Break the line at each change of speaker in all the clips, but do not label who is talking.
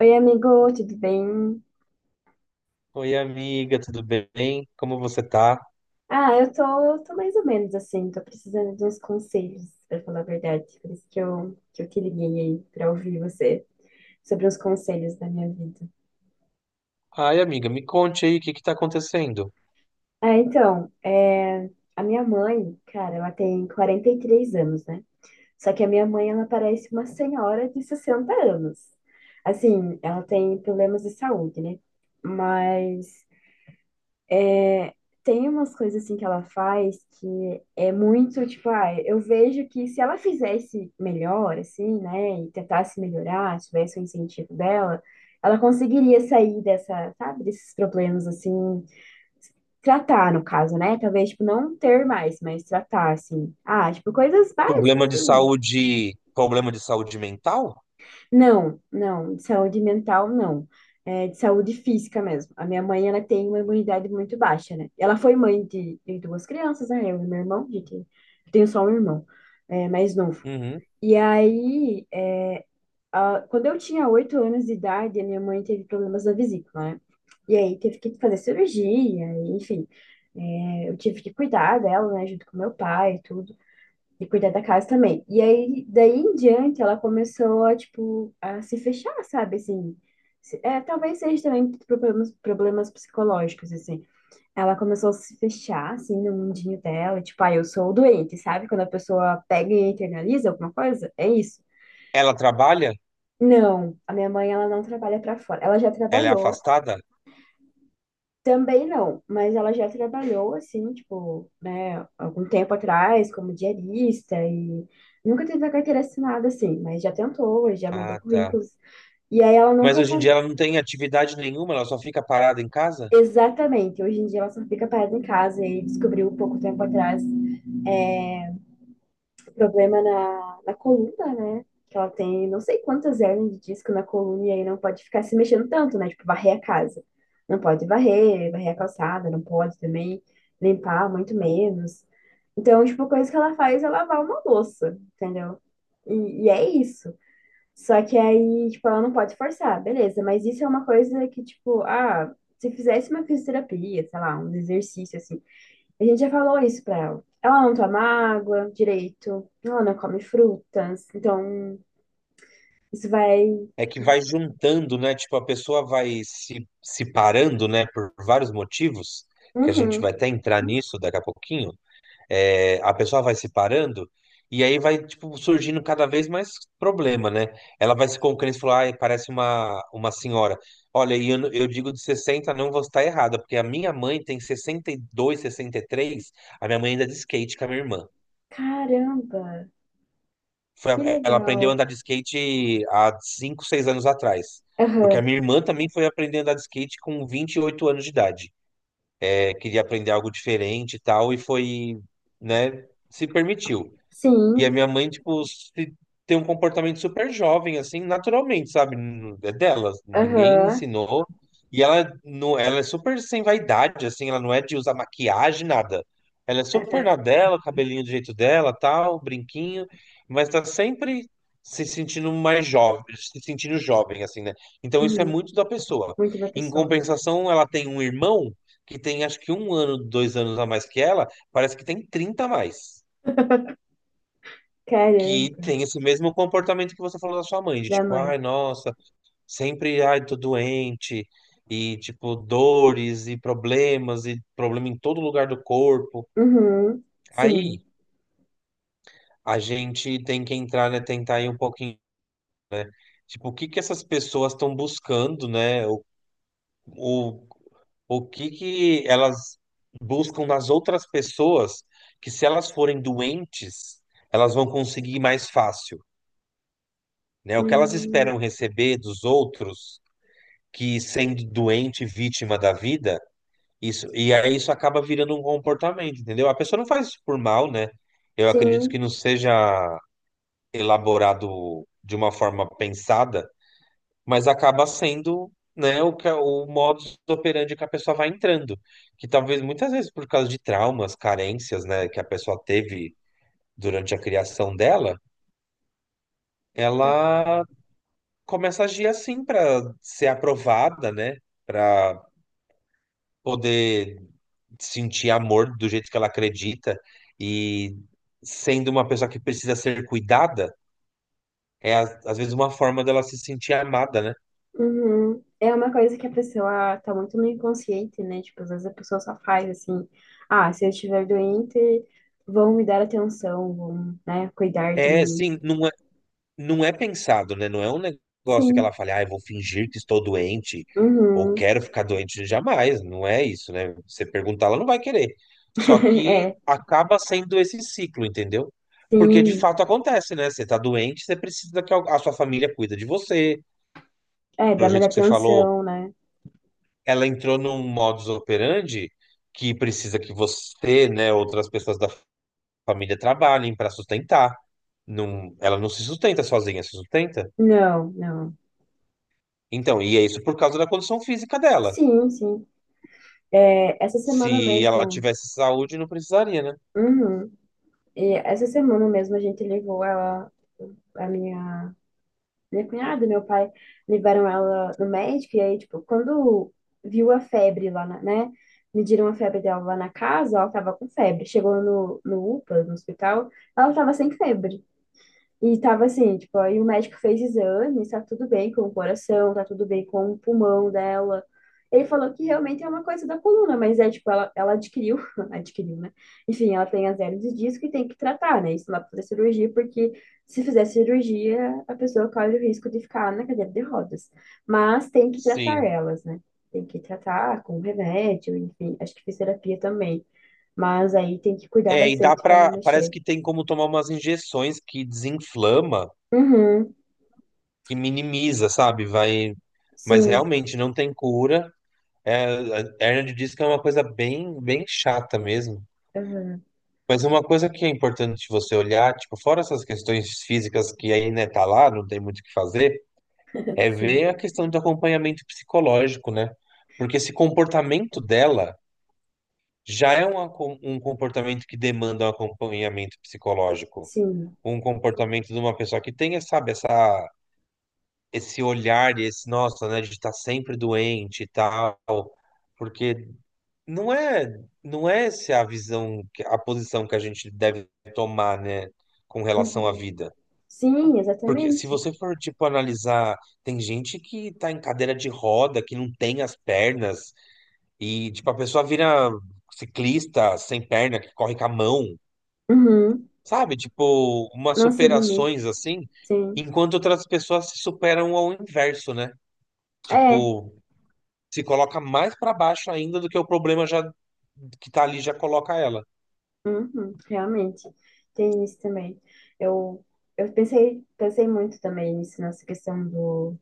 Oi, amigo, tudo bem?
Oi, amiga, tudo bem? Como você tá?
Ah, eu tô mais ou menos assim, tô precisando de uns conselhos, pra falar a verdade. Por isso que eu te liguei aí pra ouvir você sobre os conselhos da minha vida.
Ai, amiga, me conte aí o que que tá acontecendo?
Ah, então, é, a minha mãe, cara, ela tem 43 anos, né? Só que a minha mãe, ela parece uma senhora de 60 anos. Assim, ela tem problemas de saúde, né? Mas tem umas coisas assim que ela faz que é muito, tipo, ah, eu vejo que se ela fizesse melhor, assim, né, e tentasse melhorar, tivesse o incentivo dela, ela conseguiria sair dessa, sabe, desses problemas, assim, tratar, no caso, né, talvez, tipo, não ter mais, mas tratar, assim, ah, tipo, coisas básicas, assim,
Problema de saúde mental?
Não, não, de saúde mental não. É de saúde física mesmo. A minha mãe, ela tem uma imunidade muito baixa, né? Ela foi mãe de duas crianças, né? Eu e meu irmão, a gente, eu tenho só um irmão, é, mais novo.
Uhum.
E aí, é, a- quando eu tinha 8 anos de idade, a minha mãe teve problemas da vesícula, né? E aí teve que fazer cirurgia, e, enfim. É, eu tive que cuidar dela, né, junto com meu pai e tudo de cuidar da casa também. E aí, daí em diante, ela começou a, tipo, a se fechar, sabe, assim. Se- É, talvez seja também problemas, problemas psicológicos, assim. Ela começou a se fechar, assim, no mundinho dela, tipo, ah, eu sou o doente, sabe? Quando a pessoa pega e internaliza alguma coisa, é isso.
Ela trabalha?
Não, a minha mãe, ela não trabalha pra fora. Ela já
Ela é
trabalhou,
afastada?
Também não, mas ela já trabalhou assim, tipo, né, algum tempo atrás, como diarista e nunca teve a carteira assinada assim, mas já tentou, já mandou
Ah, tá.
currículos. E aí ela
Mas
nunca
hoje em
con-
dia ela não tem atividade nenhuma, ela só fica parada em casa?
exatamente, hoje em dia ela só fica parada em casa e descobriu pouco tempo atrás problema na coluna, né? Que ela tem não sei quantas hérnias de disco na coluna e aí não pode ficar se mexendo tanto, né? Tipo, varrer a casa. Não pode varrer, varrer a calçada, não pode também limpar, muito menos. Então, tipo, a coisa que ela faz é lavar uma louça, entendeu? E é isso. Só que aí, tipo, ela não pode forçar, beleza, mas isso é uma coisa que, tipo, ah, se fizesse uma fisioterapia, sei lá, um exercício assim a gente já falou isso pra ela. Ela não toma água direito, ela não come frutas, então isso vai.
É que vai juntando, né? Tipo, a pessoa vai se parando, né? Por vários motivos, que a gente
Uhum.
vai até entrar nisso daqui a pouquinho. É, a pessoa vai se parando e aí vai, tipo, surgindo cada vez mais problema, né? Ela vai se concluindo e falou, ai, parece uma senhora. Olha, e eu digo de 60 não vou estar errada, porque a minha mãe tem 60, 62, 63. A minha mãe anda de skate com a minha irmã.
Caramba, que
Ela aprendeu a
legal.
andar de skate há 5, 6 anos atrás. Porque a
Aham,
minha irmã também foi aprender a andar de skate com 28 anos de idade. É, queria aprender algo diferente e tal, e foi, né, se permitiu. E a
sim,
minha mãe, tem um comportamento super jovem, assim, naturalmente, sabe? É dela, ninguém
aham,
ensinou. E ela, não, ela é super sem vaidade, assim, ela não é de usar maquiagem, nada. Ela é super
aham,
na dela, cabelinho do jeito dela, tal, brinquinho, mas tá sempre se sentindo mais jovem, se sentindo jovem, assim, né? Então isso é
uhum.
muito da pessoa.
Muito da
Em
pessoa.
compensação, ela tem um irmão que tem, acho que, 1 ano, 2 anos a mais que ela, parece que tem 30 a mais, que
Caramba,
tem esse mesmo comportamento que você falou da sua mãe, de
da
tipo,
mãe.
ai, nossa, sempre, ai, tô doente, e tipo, dores e problemas, e problema em todo lugar do corpo.
Uhum,
Aí
sim,
a gente tem que entrar, né, tentar ir um pouquinho, tipo, o que que essas pessoas estão buscando, né? O, o que que elas buscam nas outras pessoas, que se elas forem doentes, elas vão conseguir mais fácil. Né? O que elas
hum,
esperam receber dos outros que sendo doente, vítima da vida, isso, e aí isso acaba virando um comportamento, entendeu? A pessoa não faz isso por mal, né? Eu acredito que
sim,
não seja elaborado de uma forma pensada, mas acaba sendo, né, é o modus operandi que a pessoa vai entrando, que talvez muitas vezes por causa de traumas, carências, né, que a pessoa teve durante a criação dela, ela começa a agir assim para ser aprovada, né, para poder sentir amor do jeito que ela acredita e sendo uma pessoa que precisa ser cuidada, é às vezes uma forma dela se sentir amada, né?
uhum. É uma coisa que a pessoa tá muito no inconsciente, né? Tipo, às vezes a pessoa só faz assim, ah, se eu estiver doente, vão me dar atenção, vão, né, cuidar de
É,
mim.
sim, não é, não é pensado, né? Não é um negócio que
Sim.
ela fale, ah, eu vou fingir que estou doente ou
Uhum.
quero ficar doente jamais, não é isso, né? Você perguntar, ela não vai querer. Só que
É,
acaba sendo esse ciclo, entendeu? Porque de
sim.
fato acontece, né? Você tá doente, você precisa que a sua família cuida de você.
É, dá
Do
mais
jeito que você falou,
atenção, né?
ela entrou num modus operandi que precisa que você, né, outras pessoas da família trabalhem para sustentar. Não, ela não se sustenta sozinha, se sustenta.
Não, não.
Então, e é isso por causa da condição física dela.
Sim, sim. É, essa semana
Se ela
mesmo.
tivesse saúde, não precisaria, né?
Uhum. E essa semana mesmo a gente levou ela, a minha cunhada e meu pai levaram ela no médico, e aí, tipo, quando viu a febre lá, na- né? Mediram a febre dela lá na casa, ela tava com febre. Chegou no UPA, no hospital, ela tava sem febre. E tava assim, tipo, aí o médico fez exames, tá tudo bem com o coração, tá tudo bem com o pulmão dela. Ele falou que realmente é uma coisa da coluna, mas é tipo, ela adquiriu, adquiriu, né? Enfim, ela tem azélio de disco e tem que tratar, né? Isso lá pra fazer cirurgia, porque se fizer cirurgia, a pessoa corre o risco de ficar na cadeira de rodas. Mas tem que tratar
Sim.
elas, né? Tem que tratar com remédio, enfim, acho que fisioterapia também. Mas aí tem que cuidar
É, e dá
bastante pra não
pra. Parece
mexer.
que tem como tomar umas injeções que desinflama,
Uhum,
que minimiza, sabe? Vai. Mas
sim.
realmente não tem cura. É, a Ernest disse que é uma coisa bem, bem chata mesmo.
Uhum.
Mas uma coisa que é importante você olhar, tipo, fora essas questões físicas que aí, né, tá lá, não tem muito o que fazer, é
Sim,
ver a questão do acompanhamento psicológico, né? Porque esse comportamento dela já é um comportamento que demanda um acompanhamento psicológico.
sim.
Um comportamento de uma pessoa que tenha, sabe, essa, esse olhar e esse, nossa, né, de estar sempre doente e tal. Porque não é, não é essa a posição que a gente deve tomar, né, com relação à
Uhum.
vida.
Sim,
Porque se
exatamente.
você for, tipo, analisar, tem gente que tá em cadeira de roda, que não tem as pernas, e, tipo, a pessoa vira ciclista sem perna, que corre com a mão,
Uhum.
sabe? Tipo, umas
Não se limita.
superações assim,
Sim.
enquanto outras pessoas se superam ao inverso, né?
É,
Tipo, se coloca mais pra baixo ainda do que o problema já que tá ali já coloca ela.
uhum, realmente. Tem isso também. Eu, eu pensei, pensei muito também nisso, nessa questão do.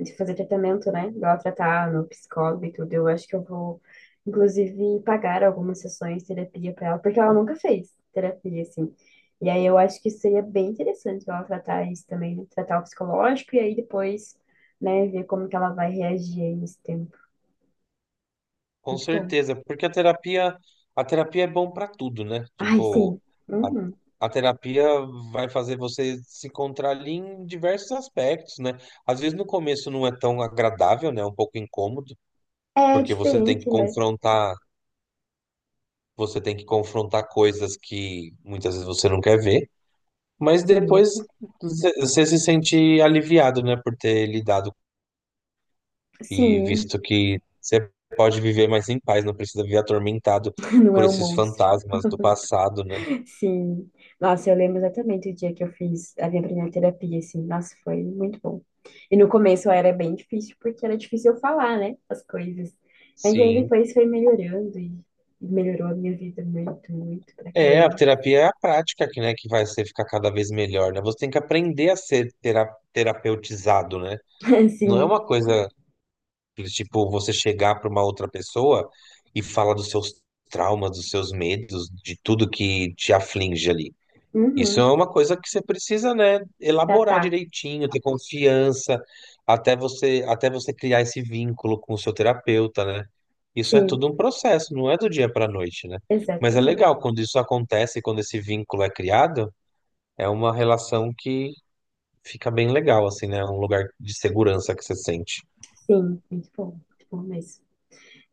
De fazer tratamento, né? Igual tratar no psicólogo e tudo. Eu acho que eu vou, inclusive, pagar algumas sessões de terapia para ela, porque ela nunca fez terapia, assim. E aí eu acho que seria bem interessante ela tratar isso também, né? Tratar o psicológico e aí depois, né, ver como que ela vai reagir aí nesse tempo.
Com
Muito bom.
certeza, porque a terapia é bom para tudo, né?
Ai, sim.
Tipo, a,
Uhum.
a terapia vai fazer você se encontrar ali em diversos aspectos, né? Às vezes no começo não é tão agradável, né? É um pouco incômodo,
É
porque você tem que
diferente, né?
confrontar, você tem que confrontar coisas que muitas vezes você não quer ver, mas
Sim.
depois você se sente aliviado, né, por ter lidado. E
Sim,
visto que você pode viver mais em paz, não precisa viver atormentado
não
por
é um
esses
monstro.
fantasmas do passado, né?
Sim. Nossa, eu lembro exatamente o dia que eu fiz a minha primeira terapia, assim. Nossa, foi muito bom. E no começo era bem difícil, porque era difícil eu falar, né, as coisas. Mas aí
Sim.
depois foi melhorando e melhorou a minha vida muito, muito pra
É, a
caramba.
terapia é a prática que, né, que vai ser ficar cada vez melhor, né? Você tem que aprender a ser terapeutizado, né? Não é
Sim.
uma coisa que, tipo, você chegar para uma outra pessoa e falar dos seus traumas, dos seus medos, de tudo que te aflige ali. Isso é
Uhum.
uma coisa que você precisa, né,
Já
elaborar
tá.
direitinho, ter confiança, até você criar esse vínculo com o seu terapeuta, né? Isso é
Sim,
tudo um processo, não é do dia para a noite, né? Mas é
exatamente.
legal quando isso acontece, quando esse vínculo é criado, é uma relação que fica bem legal, assim, né? É um lugar de segurança que você sente.
Sim, muito bom. Muito bom mesmo.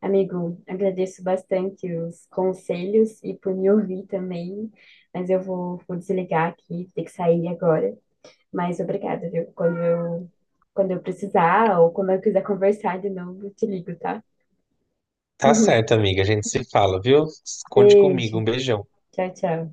Amigo, agradeço bastante os conselhos e por me ouvir também, mas eu vou desligar aqui, vou ter que sair agora. Mas obrigada, viu? Quando eu precisar ou quando eu quiser conversar de novo, eu te ligo, tá?
Tá certo, amiga, a gente se fala, viu? Conte comigo,
Beijo.
um beijão.
Tchau, tchau.